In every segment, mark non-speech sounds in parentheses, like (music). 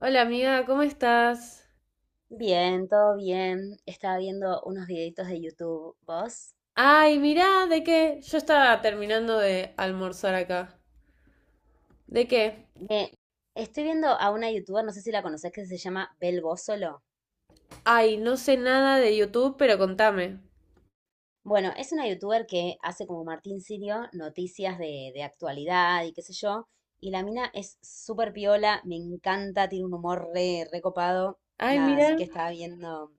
Hola amiga, ¿cómo estás? Bien, todo bien. Estaba viendo unos videitos de YouTube. ¿Vos? Ay, mirá, ¿de qué? Yo estaba terminando de almorzar acá. ¿De qué? Me estoy viendo a una youtuber, no sé si la conocés, que se llama Bel Bósolo. Ay, no sé nada de YouTube, pero contame. Bueno, es una youtuber que hace como Martín Sirio noticias de actualidad y qué sé yo. Y la mina es súper piola, me encanta, tiene un humor re copado. Ay, Nada, así que mira. estaba viendo.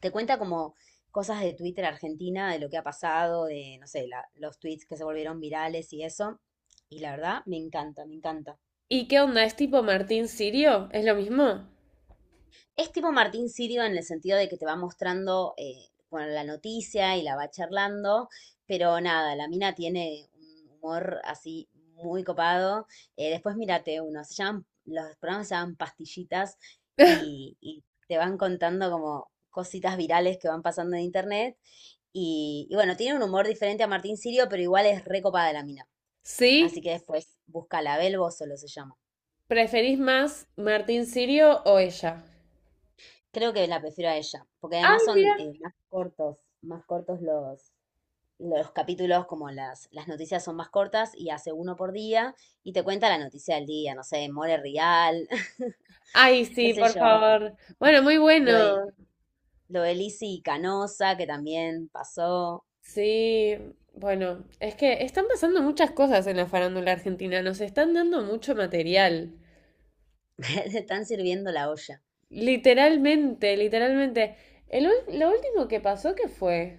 Te cuenta como cosas de Twitter Argentina, de lo que ha pasado, de, no sé, los tweets que se volvieron virales y eso. Y la verdad, me encanta, me encanta. ¿Y qué onda? ¿Es tipo Martín Sirio? ¿Es lo mismo? Es tipo Martín Sirio en el sentido de que te va mostrando bueno, la noticia y la va charlando, pero nada, la mina tiene un humor así muy copado. Después mírate uno, se llaman, los programas se llaman pastillitas (laughs) y te van contando como cositas virales que van pasando en internet. Y bueno, tiene un humor diferente a Martín Sirio, pero igual es recopada la mina. Así ¿Sí? que después búscala, Belbo solo se llama. ¿Preferís más Martín Sirio o ella? Creo que la prefiero a ella, porque además Ay, son mira. Más cortos los capítulos, como las noticias son más cortas y hace uno por día y te cuenta la noticia del día, no sé, More Real, (laughs) Ay, qué sí, sé por yo, favor. Bueno, muy lo de, bueno. lo de Lizzy Canosa, que también pasó, Sí, bueno, es que están pasando muchas cosas en la farándula argentina, nos están dando mucho material. (laughs) le están sirviendo la olla. Literalmente, literalmente. Lo último que pasó, ¿qué fue?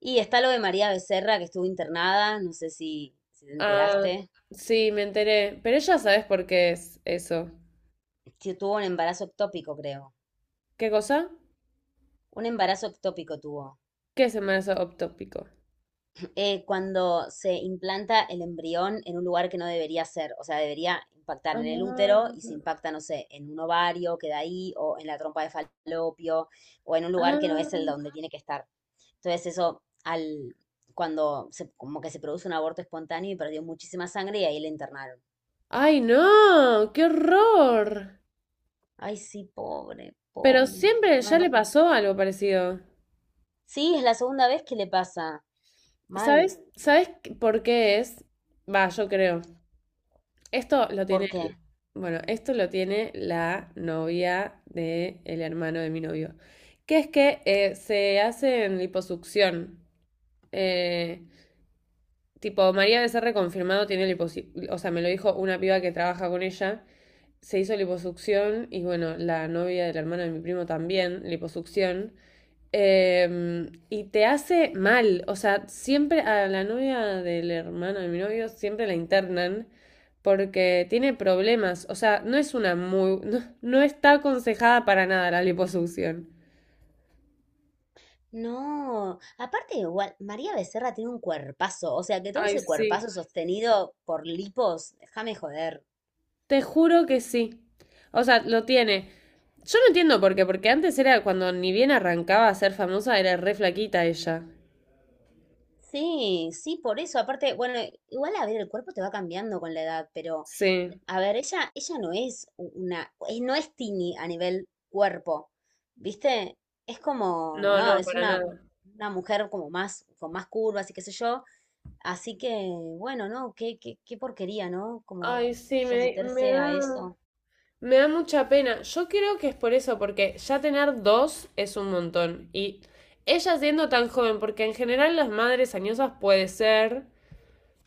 Y está lo de María Becerra, que estuvo internada, no sé si te Ah, enteraste, sí, me enteré. Pero ya sabes por qué es eso. que tuvo un embarazo ectópico, creo. ¿Qué cosa? Un embarazo ectópico tuvo. ¿Qué es el embarazo ectópico? Cuando se implanta el embrión en un lugar que no debería ser, o sea, debería impactar en el útero Ah, y se impacta, no sé, en un ovario, queda ahí, o en la trompa de falopio, o en un lugar que no es el ah. donde tiene que estar. Entonces eso, cuando como que se produce un aborto espontáneo y perdió muchísima sangre y ahí le internaron. ¡Ay, no! ¡Qué horror! Ay, sí, pobre, Pero pobre, siempre ya le mal. pasó algo parecido. Sí, es la segunda vez que le pasa, mal. ¿Sabes? ¿Sabes por qué es? Va, yo creo. Esto lo ¿Por tiene, qué? bueno, esto lo tiene la novia del hermano de mi novio, que es que se hace en liposucción. Eh, tipo, María Becerra confirmado tiene liposucción, o sea, me lo dijo una piba que trabaja con ella, se hizo liposucción y bueno, la novia del hermano de mi primo también, liposucción. Y te hace mal. O sea, siempre a la novia del hermano de mi novio siempre la internan porque tiene problemas. O sea, no es una muy. (laughs) No, no está aconsejada para nada la liposucción. No, aparte igual, María Becerra tiene un cuerpazo, o sea que todo Ay, ese sí. cuerpazo sostenido por lipos, déjame joder. Te juro que sí. O sea, lo tiene. Yo no entiendo por qué, porque antes era cuando ni bien arrancaba a ser famosa, era re flaquita ella. Sí, sí, por eso, aparte, bueno, igual a ver, el cuerpo te va cambiando con la edad, pero Sí. a ver, ella no es una, no es tini a nivel cuerpo, ¿viste? Es como, No, no, no, es para nada. una mujer como más, con más curvas y qué sé yo, así que, bueno, no, qué porquería, ¿no? Como Ay, sí, me someterse a da. eso. Me da mucha pena. Yo creo que es por eso, porque ya tener dos es un montón. Y ella siendo tan joven, porque en general las madres añosas puede ser,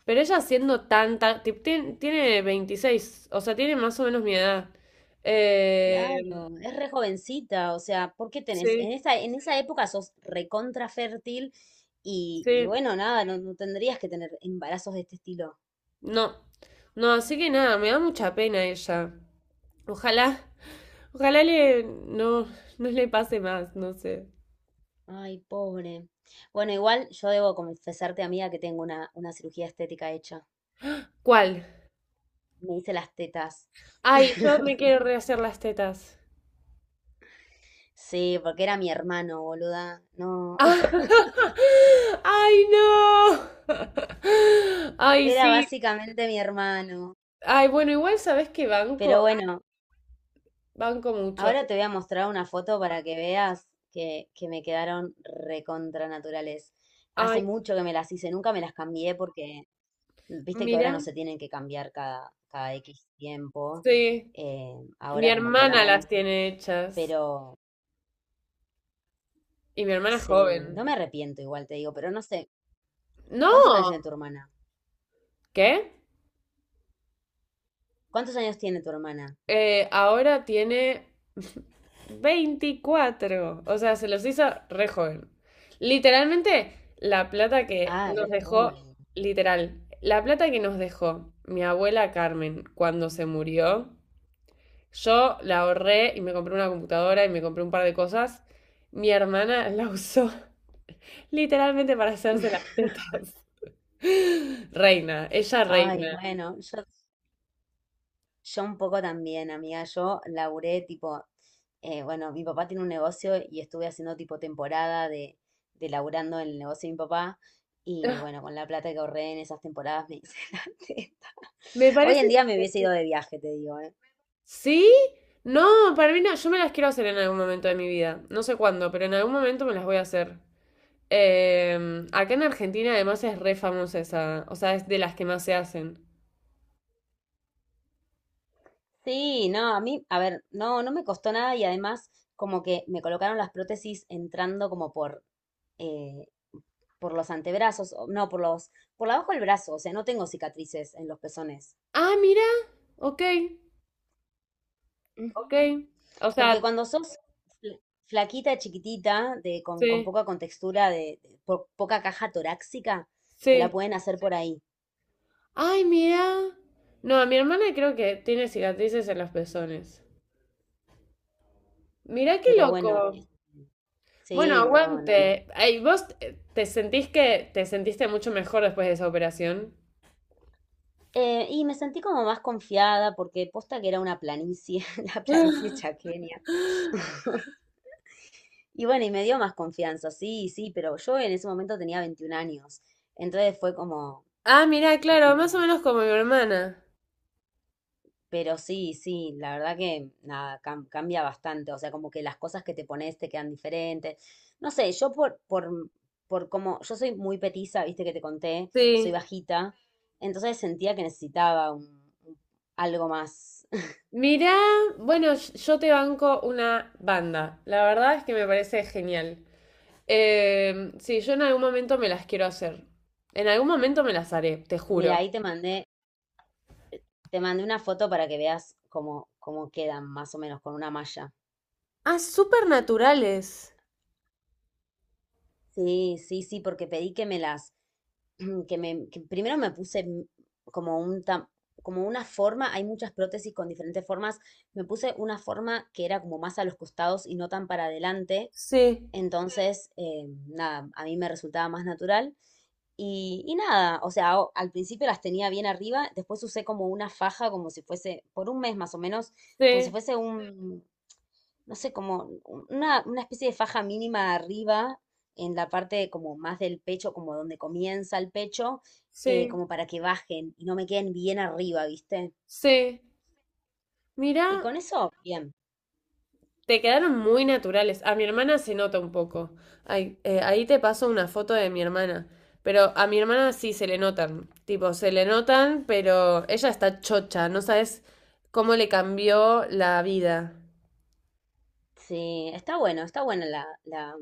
pero ella siendo tanta, tiene, 26, o sea, tiene más o menos mi edad. Eh, Claro, es re jovencita, o sea, ¿por qué tenés? En sí, en esa época sos recontra fértil y sí, bueno, nada, no, no tendrías que tener embarazos de este estilo. no. No, así que nada, me da mucha pena ella. Ojalá, ojalá le, no, no le pase más, no sé. Ay, pobre. Bueno, igual yo debo confesarte, amiga, que tengo una cirugía estética hecha. ¿Cuál? Me hice las tetas. Ay, yo me (laughs) quiero rehacer las tetas. Sí, porque era mi hermano, boluda. (laughs) No, (laughs) Ay, no. (laughs) Ay, era sí. básicamente mi hermano. Ay, bueno, igual sabes que Pero banco, bueno, banco mucho. ahora te voy a mostrar una foto para que veas que me quedaron recontra naturales. Ay, Hace mucho que me las hice, nunca me las cambié porque viste que mira, ahora no se tienen que cambiar cada X tiempo. sí. Mi Ahora como que hermana las van, tiene hechas. Pero Y mi hermana es sí, no me joven. arrepiento igual, te digo, pero no sé, ¿cuántos años No, tiene tu hermana? ¿qué? ¿Cuántos años tiene tu hermana? Ahora tiene 24. O sea, se los hizo re joven. Literalmente, la plata que Ah, nos re dejó, joven. literal, la plata que nos dejó mi abuela Carmen cuando se murió, yo la ahorré y me compré una computadora y me compré un par de cosas. Mi hermana la usó (laughs) literalmente para hacerse las (laughs) tetas. (laughs) Reina, ella Ay, reina. bueno, yo un poco también, amiga, yo laburé tipo, bueno, mi papá tiene un negocio y estuve haciendo tipo temporada de laburando en el negocio de mi papá y bueno, con la plata que ahorré en esas temporadas me hice (laughs) la teta. Me Hoy parece en día me hubiese ido de viaje, te digo, ¿eh? ¿sí? No, para mí no, yo me las quiero hacer en algún momento de mi vida. No sé cuándo, pero en algún momento me las voy a hacer. Acá en Argentina además es re famosa esa, o sea, es de las que más se hacen. Sí, no, a mí, a ver, no, no me costó nada y además como que me colocaron las prótesis entrando como eh, por los antebrazos, no, por por abajo del brazo, o sea, no tengo cicatrices en los pezones. Ah, mira, ok, ok. Ujú. O Porque sea, cuando sos fl- flaquita, chiquitita, de, con sí, poca contextura, de poca caja torácica, te la sí. pueden hacer por ahí. Ay, mira. No, mi hermana creo que tiene cicatrices en los pezones. Mirá qué Pero bueno, loco. este, Bueno, sí, no, no. aguante. Ay, ¿vos te sentís que te sentiste mucho mejor después de esa operación? Y me sentí como más confiada porque posta que era una planicie, (laughs) la planicie (laughs) chaqueña. (laughs) Y bueno, y me dio más confianza, sí, sí, pero yo en ese momento tenía 21 años. Entonces fue como, Ah, mirá, claro, más o menos como mi hermana. pero sí, sí, la verdad que nada, cambia bastante. O sea, como que las cosas que te pones te quedan diferentes. No sé, yo por como, yo soy muy petiza, viste que te conté, soy Sí. bajita. Entonces sentía que necesitaba algo más. (laughs) Mirá, bueno, yo te banco una banda. La verdad es que me parece genial. Sí, yo en algún momento me las quiero hacer. En algún momento me las haré, te Mira, juro. ahí te mandé una foto para que veas cómo, cómo quedan más o menos con una malla. Ah, súper naturales. Sí, sí, sí, porque pedí que me las, (clears throat) que me, que primero me puse como un como una forma, hay muchas prótesis con diferentes formas, me puse una forma que era como más a los costados y no tan para adelante, Sí, entonces nada, a mí me resultaba más natural y nada, o sea, al principio las tenía bien arriba, después usé como una faja, como si fuese, por un mes más o menos, como si sí, fuese no sé, como una especie de faja mínima arriba, en la parte como más del pecho, como donde comienza el pecho, sí, como para que bajen y no me queden bien arriba, ¿viste? sí. Mirá, Y con eso, bien. te quedaron muy naturales. A mi hermana se nota un poco. Ay, ahí te paso una foto de mi hermana. Pero a mi hermana sí se le notan. Tipo, se le notan, pero ella está chocha. No sabes cómo le cambió la vida. Sí, está bueno, está buena la...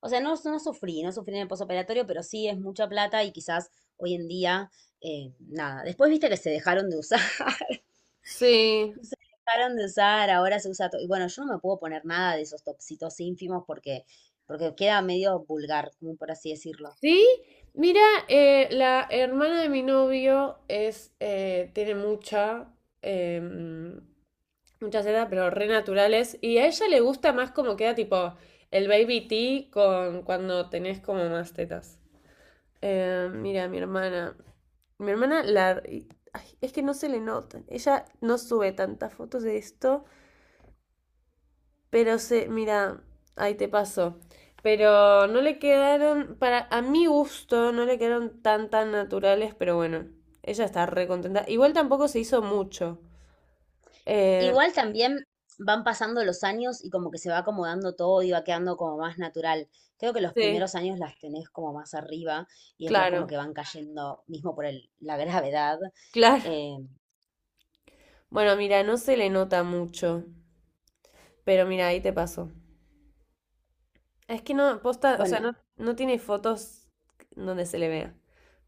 O sea, no, no sufrí, no sufrí en el posoperatorio, pero sí es mucha plata y quizás hoy en día, nada. Después viste que se dejaron de usar. (laughs) Sí. Se dejaron de usar, ahora se usa todo. Y bueno, yo no me puedo poner nada de esos topsitos ínfimos porque queda medio vulgar, como por así decirlo. Sí. Mira, la hermana de mi novio es, tiene mucha, em, mucha seda, pero re naturales. Y a ella le gusta más como queda tipo el baby tea con cuando tenés como más tetas. Mira, mi hermana. Mi hermana la. Ay, es que no se le notan. Ella no sube tantas fotos de esto. Pero se. Mira, ahí te pasó. Pero no le quedaron. Para. A mi gusto, no le quedaron tan tan naturales. Pero bueno. Ella está re contenta. Igual tampoco se hizo mucho. Eh, Igual también van pasando los años y como que se va acomodando todo y va quedando como más natural. Creo que los sí, primeros años las tenés como más arriba y después como claro. que van cayendo, mismo por la (laughs) gravedad. Claro. Eh, Bueno, mira, no se le nota mucho, pero mira, ahí te pasó. Es que no, posta, o sea, bueno, no, no tiene fotos donde se le vea.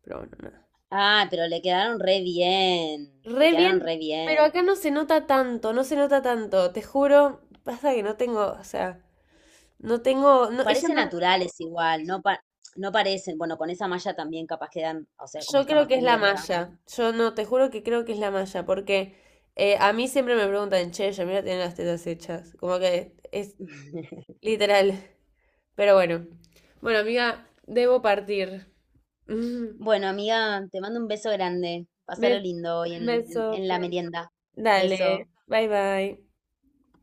Pero bueno, nada. ah, pero le quedaron re bien, le Re quedaron bien, re pero bien. acá no se nota tanto, no se nota tanto, te juro. Pasa que no tengo, o sea, no tengo, no, ella Parece no, naturales igual, no, no parecen. Bueno, con esa malla también capaz quedan, o sea, como yo está creo más que es la cubierta. malla. Yo no, te juro que creo que es la malla, porque a mí siempre me preguntan, che, mira, tiene las tetas hechas. Como que es (laughs) literal. Pero bueno. Bueno, amiga, debo partir. (laughs) Bueno, amiga, te mando un beso grande. Pásalo Bes- lindo hoy en la Besote. merienda. Dale, Beso. bye bye.